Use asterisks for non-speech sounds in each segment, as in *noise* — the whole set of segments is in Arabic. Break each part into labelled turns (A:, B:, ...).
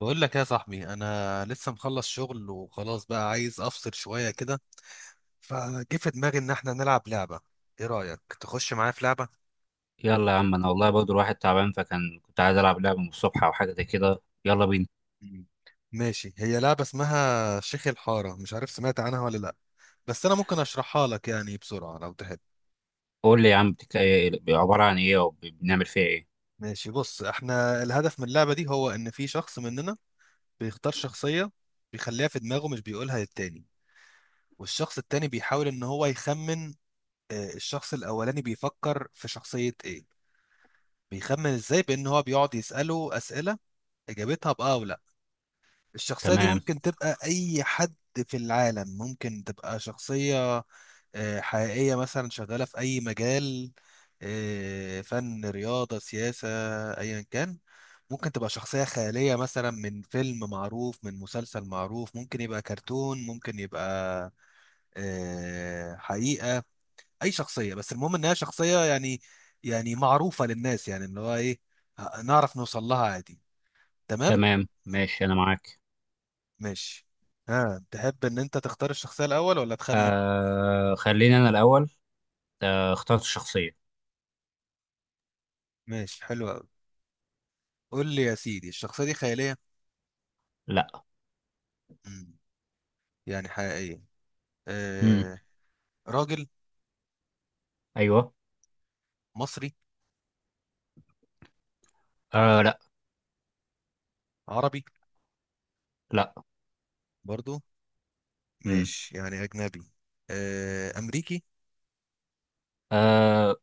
A: بقول لك يا صاحبي، انا لسه مخلص شغل وخلاص بقى عايز افصل شويه كده. فجه في دماغي ان احنا نلعب لعبه. ايه رايك تخش معايا في لعبه؟
B: يلا يا عم، انا والله برضه الواحد تعبان، فكان كنت عايز العب لعبه من الصبح او حاجه زي كده. يلا بينا.
A: مم. ماشي، هي لعبه اسمها شيخ الحاره، مش عارف سمعت عنها ولا لا، بس انا ممكن اشرحها لك يعني بسرعه لو تحب.
B: قول لي يا عم. عباره عن ايه، او بنعمل فيها ايه؟
A: ماشي، بص، احنا الهدف من اللعبه دي هو ان في شخص مننا بيختار شخصيه، بيخليها في دماغه، مش بيقولها للتاني. والشخص التاني بيحاول ان هو يخمن الشخص الاولاني بيفكر في شخصيه ايه. بيخمن ازاي؟ بان هو بيقعد يساله اسئله اجابتها باه او لا. الشخصيه دي
B: تمام.
A: ممكن تبقى اي حد في العالم، ممكن تبقى شخصيه حقيقيه، مثلا شغاله في اي مجال، فن، رياضه، سياسه، ايا كان. ممكن تبقى شخصيه خياليه، مثلا من فيلم معروف، من مسلسل معروف، ممكن يبقى كرتون، ممكن يبقى حقيقه. اي شخصيه، بس المهم انها شخصيه يعني، يعني معروفه للناس، يعني اللي هو ايه، نعرف نوصل لها عادي. تمام.
B: تمام، ماشي، انا معاك.
A: ماشي. ها تحب ان انت تختار الشخصيه الاول ولا تخمن؟
B: خليني انا الاول. اخترت الشخصيه.
A: ماشي، حلو قوي. قول لي يا سيدي، الشخصيه دي خياليه؟
B: لا.
A: مم. يعني حقيقيه.
B: امم.
A: آه. راجل.
B: ايوه.
A: مصري.
B: لا.
A: عربي.
B: لا.
A: برضو
B: امم.
A: ماشي، يعني اجنبي. امريكي؟
B: آه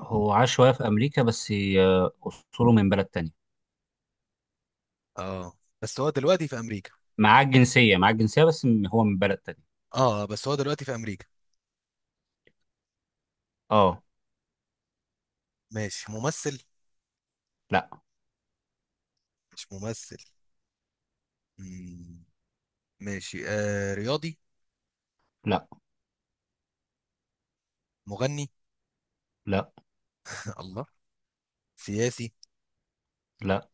B: هو عاش شويه في امريكا بس. آه اصوله من بلد تانية.
A: اه بس هو دلوقتي في امريكا.
B: معاه الجنسيه بس هو من بلد تانية.
A: اه بس هو دلوقتي في امريكا.
B: اه.
A: ماشي، ممثل؟
B: لا.
A: مش ممثل. مم. ماشي، رياضي؟
B: لا.
A: مغني؟
B: لا.
A: *laughs* الله. سياسي؟
B: لا.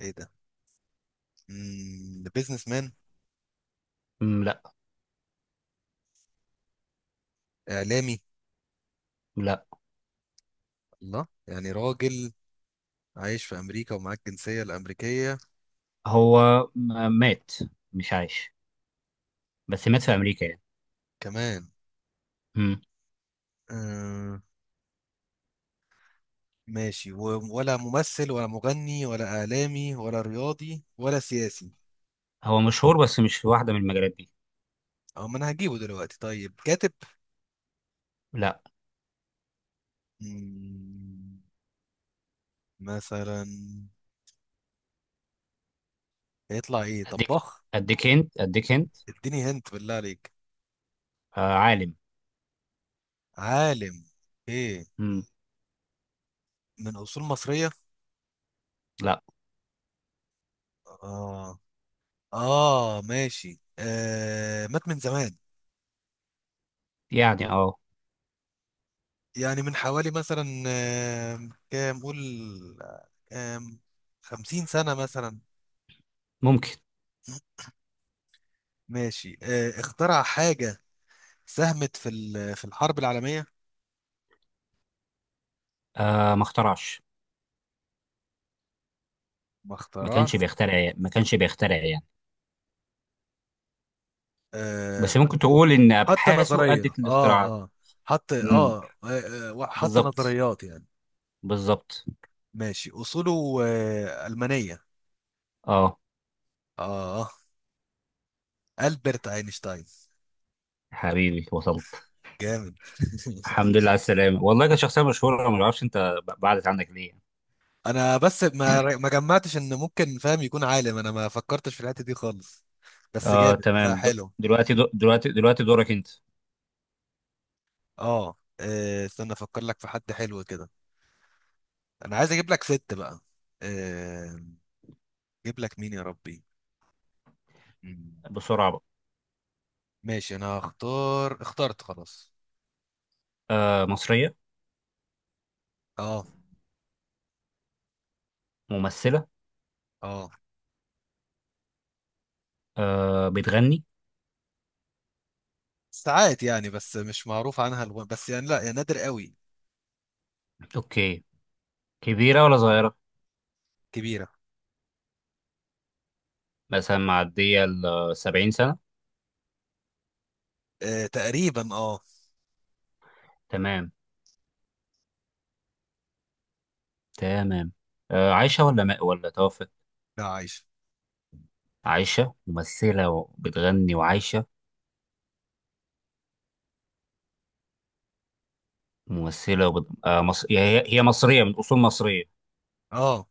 A: ايه ده. بيزنس مان؟
B: لا.
A: اعلامي؟
B: لا.
A: الله، يعني راجل عايش في امريكا ومعاك الجنسية الامريكية
B: هو مات. مش عايش. بس مات في امريكا يعني.
A: كمان.
B: مم.
A: آه. ماشي ولا ممثل ولا مغني ولا اعلامي ولا رياضي ولا سياسي.
B: هو مشهور بس مش في واحده من المجالات دي.
A: اه، ما انا هجيبه دلوقتي. طيب كاتب؟
B: لا.
A: مم، مثلا هيطلع ايه،
B: اديك
A: طباخ؟
B: اديك اديك انت.
A: اديني هنت بالله عليك.
B: عالم.
A: عالم؟ ايه،
B: مم.
A: من اصول مصرية؟
B: لا.
A: اه. اه ماشي، مات من زمان،
B: يعني اه.
A: يعني من حوالي مثلا كام، قول، آه، كام، 50 سنة مثلا.
B: ممكن.
A: ماشي، اخترع حاجة ساهمت في في الحرب العالمية؟
B: ما اخترعش.
A: ما
B: ما كانش
A: اخترعش.
B: بيخترع يعني. ما كانش بيخترع يعني.
A: آه
B: بس
A: ب-
B: ممكن تقول ان
A: حط
B: ابحاثه
A: نظرية؟
B: ادت
A: اه.
B: للاختراعات.
A: اه حط
B: مم.
A: اه، حط
B: بالظبط.
A: نظريات يعني.
B: بالظبط.
A: ماشي، أصوله ألمانية.
B: اه.
A: اه آه. ألبرت أينشتاين.
B: حبيبي، وصلت.
A: جامد *laughs*
B: الحمد لله على السلامه. والله كانت شخصيه مشهوره، ما اعرفش انت بعدت عنك ليه.
A: انا بس ما جمعتش ان ممكن فاهم يكون عالم، انا ما فكرتش في الحته دي خالص. بس جامد،
B: تمام.
A: لا
B: د-
A: حلو.
B: دلوقتي د- دلوقتي دلوقتي دورك انت.
A: اه، استنى افكر لك في حد حلو كده. انا عايز اجيب لك ست بقى. آه، اجيب لك مين يا ربي. مم.
B: بسرعة بقى.
A: ماشي، انا هختار. اخترت خلاص.
B: مصرية.
A: اه.
B: ممثلة.
A: اه
B: بتغني.
A: ساعات يعني، بس مش معروف عنها بس يعني لا، يا نادر قوي.
B: اوكي. كبيرة ولا صغيرة؟
A: كبيره.
B: مثلا معدية ال 70 سنة؟
A: تقريبا اه.
B: تمام. تمام. عايشة ولا ما ولا توفت؟
A: لا عايشه.
B: عايشة، ممثلة وبتغني وعايشة. ممثلة وبت... آه مص... هي هي مصرية من أصول مصرية.
A: اه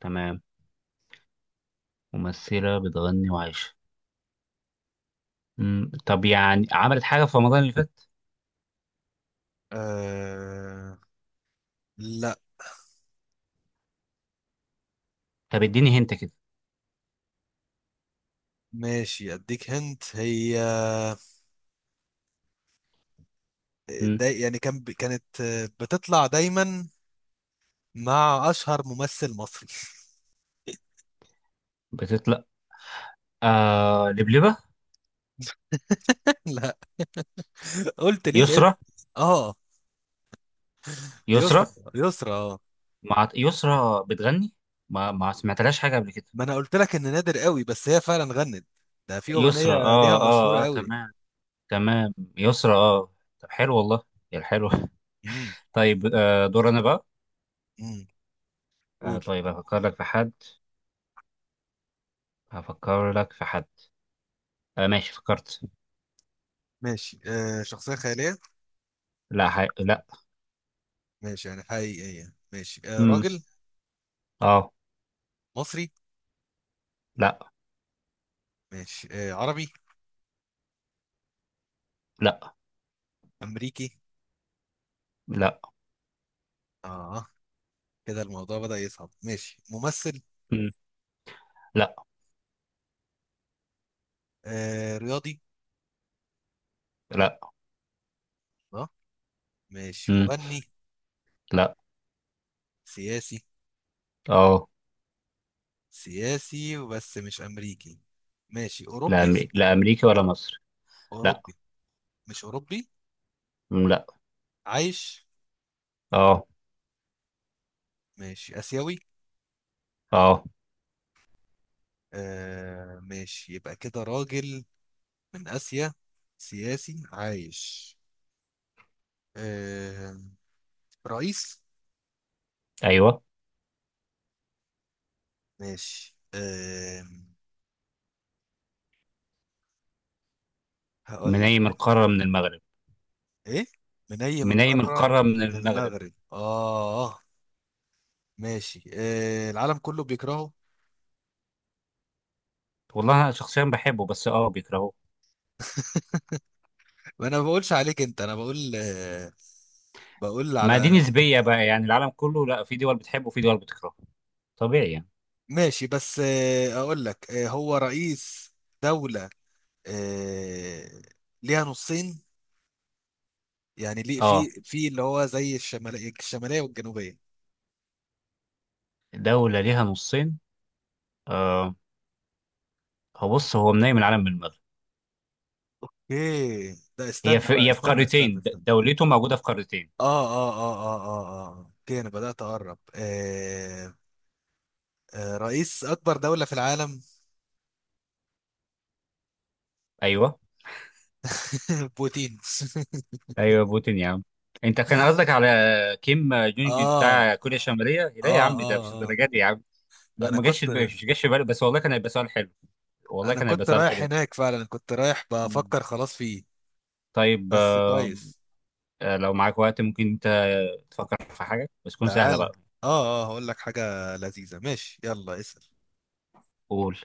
B: تمام. ممثلة بتغني وعايشة. مم. طب يعني عملت حاجة في رمضان اللي فات؟
A: آه، لا.
B: طب اديني هنت كده.
A: ماشي، اديك هنت هي.
B: مم.
A: دا يعني كانت بتطلع دايما مع اشهر ممثل مصري.
B: بتطلع. لبلبة.
A: *laughs* لا، قلت ليه الاسم.
B: يسرا.
A: اه يسرا.
B: يسرا.
A: يسرا اه.
B: مع يسرا بتغني. ما سمعتلهاش حاجة قبل كده.
A: ما انا قلت لك ان نادر قوي، بس هي فعلا غنت. ده في
B: يسرا.
A: اغنيه ليها مشهوره
B: اه
A: قوي.
B: تمام. تمام، يسرا، اه. طب حلو والله. يا حلو *laughs*
A: امم.
B: طيب، دور انا بقى.
A: امم. قول.
B: طيب هفكر لك في حد. هفكر لك في حد ماشي، فكرت.
A: ماشي، شخصيه خياليه؟
B: لا. لا.
A: ماشي يعني حقيقيه. ماشي،
B: امم.
A: راجل.
B: اه.
A: مصري؟
B: لا.
A: ماشي، عربي؟
B: لا.
A: امريكي؟
B: لا.
A: اه، كده الموضوع بدأ يصعب. ماشي، ممثل؟
B: مم. لا.
A: رياضي؟
B: لا.
A: اه. ماشي،
B: مم.
A: مغني؟
B: لا.
A: سياسي؟
B: اه.
A: سياسي، وبس مش أمريكي. ماشي،
B: لا.
A: أوروبي؟
B: لا، امريكا ولا مصر. لا.
A: أوروبي؟ مش أوروبي.
B: مم. لا.
A: عايش.
B: اه.
A: ماشي، آسيوي؟
B: اه.
A: آه ماشي، يبقى كده راجل من آسيا، سياسي، عايش، آه، رئيس.
B: ايوه.
A: ماشي، هقول لك
B: من قارة، من المغرب؟
A: إيه، من أي من
B: منيم
A: القارة؟
B: القارة، من
A: من
B: المغرب.
A: المغرب. آه ماشي، العالم كله بيكرهه؟
B: والله أنا شخصيا بحبه، بس أه بيكرهوه.
A: وأنا ما بقولش عليك أنت، أنا بقول آه، بقول
B: ما دي
A: على.
B: نسبية بقى، يعني العالم كله لا، في دول بتحبه وفي دول بتكرهه. طبيعي يعني.
A: ماشي بس اقول لك هو رئيس دولة آه، ليها نصين، يعني ليه
B: أه.
A: في اللي هو زي الشمالية، الشمالية والجنوبية.
B: دولة ليها نصين. أه. هو بص، هو منيم العالم من المغرب.
A: ايه ده،
B: هي
A: استنى
B: في
A: بقى،
B: هي في
A: استنى استنى
B: قارتين.
A: استنى.
B: دولته موجودة في قارتين.
A: اه اه اه اه اه اه، اوكي، انا بدأت اقرب. آه، آه رئيس اكبر دولة في العالم.
B: أيوه.
A: *laughs* بوتين *laughs*
B: أيوه، بوتين يا عم. أنت كان قصدك على كيم جونج
A: اه اه
B: بتاع كوريا الشمالية. لا يا عم، ده مش
A: اه اه.
B: الدرجة دي يا عم. لا،
A: انا
B: ما جاش في بالي-
A: كنت
B: مش جاش في بالي، بس والله كان هيبقى سؤال حلو. والله
A: انا
B: كان هيبقى
A: كنت
B: سؤال
A: رايح
B: حلو.
A: هناك فعلا، كنت رايح
B: مم.
A: بفكر خلاص فيه.
B: طيب،
A: بس كويس.
B: لو معاك وقت، ممكن انت تفكر في حاجة بس تكون سهلة
A: تعالى
B: بقى.
A: اه اه، هقول لك حاجة لذيذة. ماشي، يلا اسأل.
B: قول.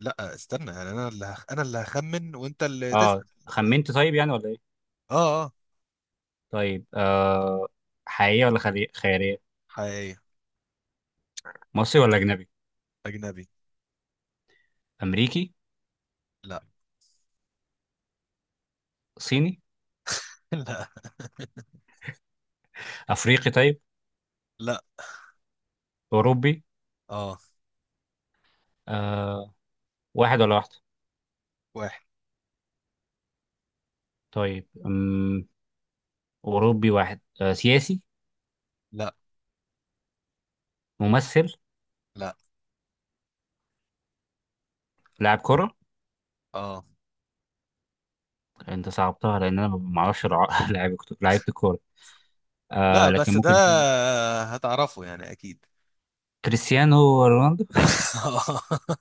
A: لا استنى، يعني انا اللي انا اللي هخمن وانت اللي
B: اه،
A: تسأل.
B: خمنت طيب يعني ولا ايه؟
A: اه اه.
B: طيب، حقيقية ولا خيالية؟
A: حقيقية.
B: مصري ولا أجنبي؟
A: اجنبي.
B: أمريكي؟
A: لا.
B: صيني؟
A: *laughs* لا.
B: أفريقي طيب؟
A: لا.
B: أوروبي؟
A: اه.
B: آه واحد ولا واحدة؟
A: واحد.
B: طيب أوروبي، واحد. سياسي؟
A: لا.
B: ممثل؟
A: لا.
B: لاعب كرة؟
A: اه.
B: انت صعبتها لأن أنا ما أعرفش لعيب *laughs* لعيبة الكورة.
A: لا،
B: لكن
A: بس ده
B: ممكن يكون
A: هتعرفه يعني اكيد.
B: كريستيانو رونالدو.
A: *laughs*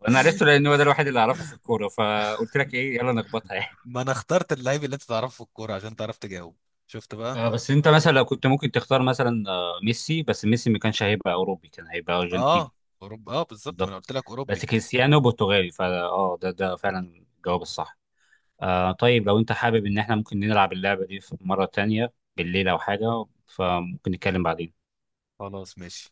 B: وانا عرفته لان هو ده الوحيد اللي اعرفه في الكوره، فقلت لك ايه، يلا نخبطها يعني.
A: ما انا اخترت اللعيب اللي انت تعرفه في الكورة عشان تعرف تجاوب. شفت بقى.
B: بس انت مثلا لو كنت ممكن تختار، مثلا ميسي، بس ميسي ما كانش هيبقى اوروبي، كان هيبقى
A: اه،
B: ارجنتيني.
A: اوروبا اه بالظبط، ما
B: بالظبط.
A: انا قلت لك اوروبي.
B: بس كريستيانو برتغالي فا اه، ده فعلا الجواب الصح. طيب لو انت حابب ان احنا ممكن نلعب اللعبه دي في مره تانية بالليل او حاجه، فممكن نتكلم بعدين.
A: خلاص، ماشي.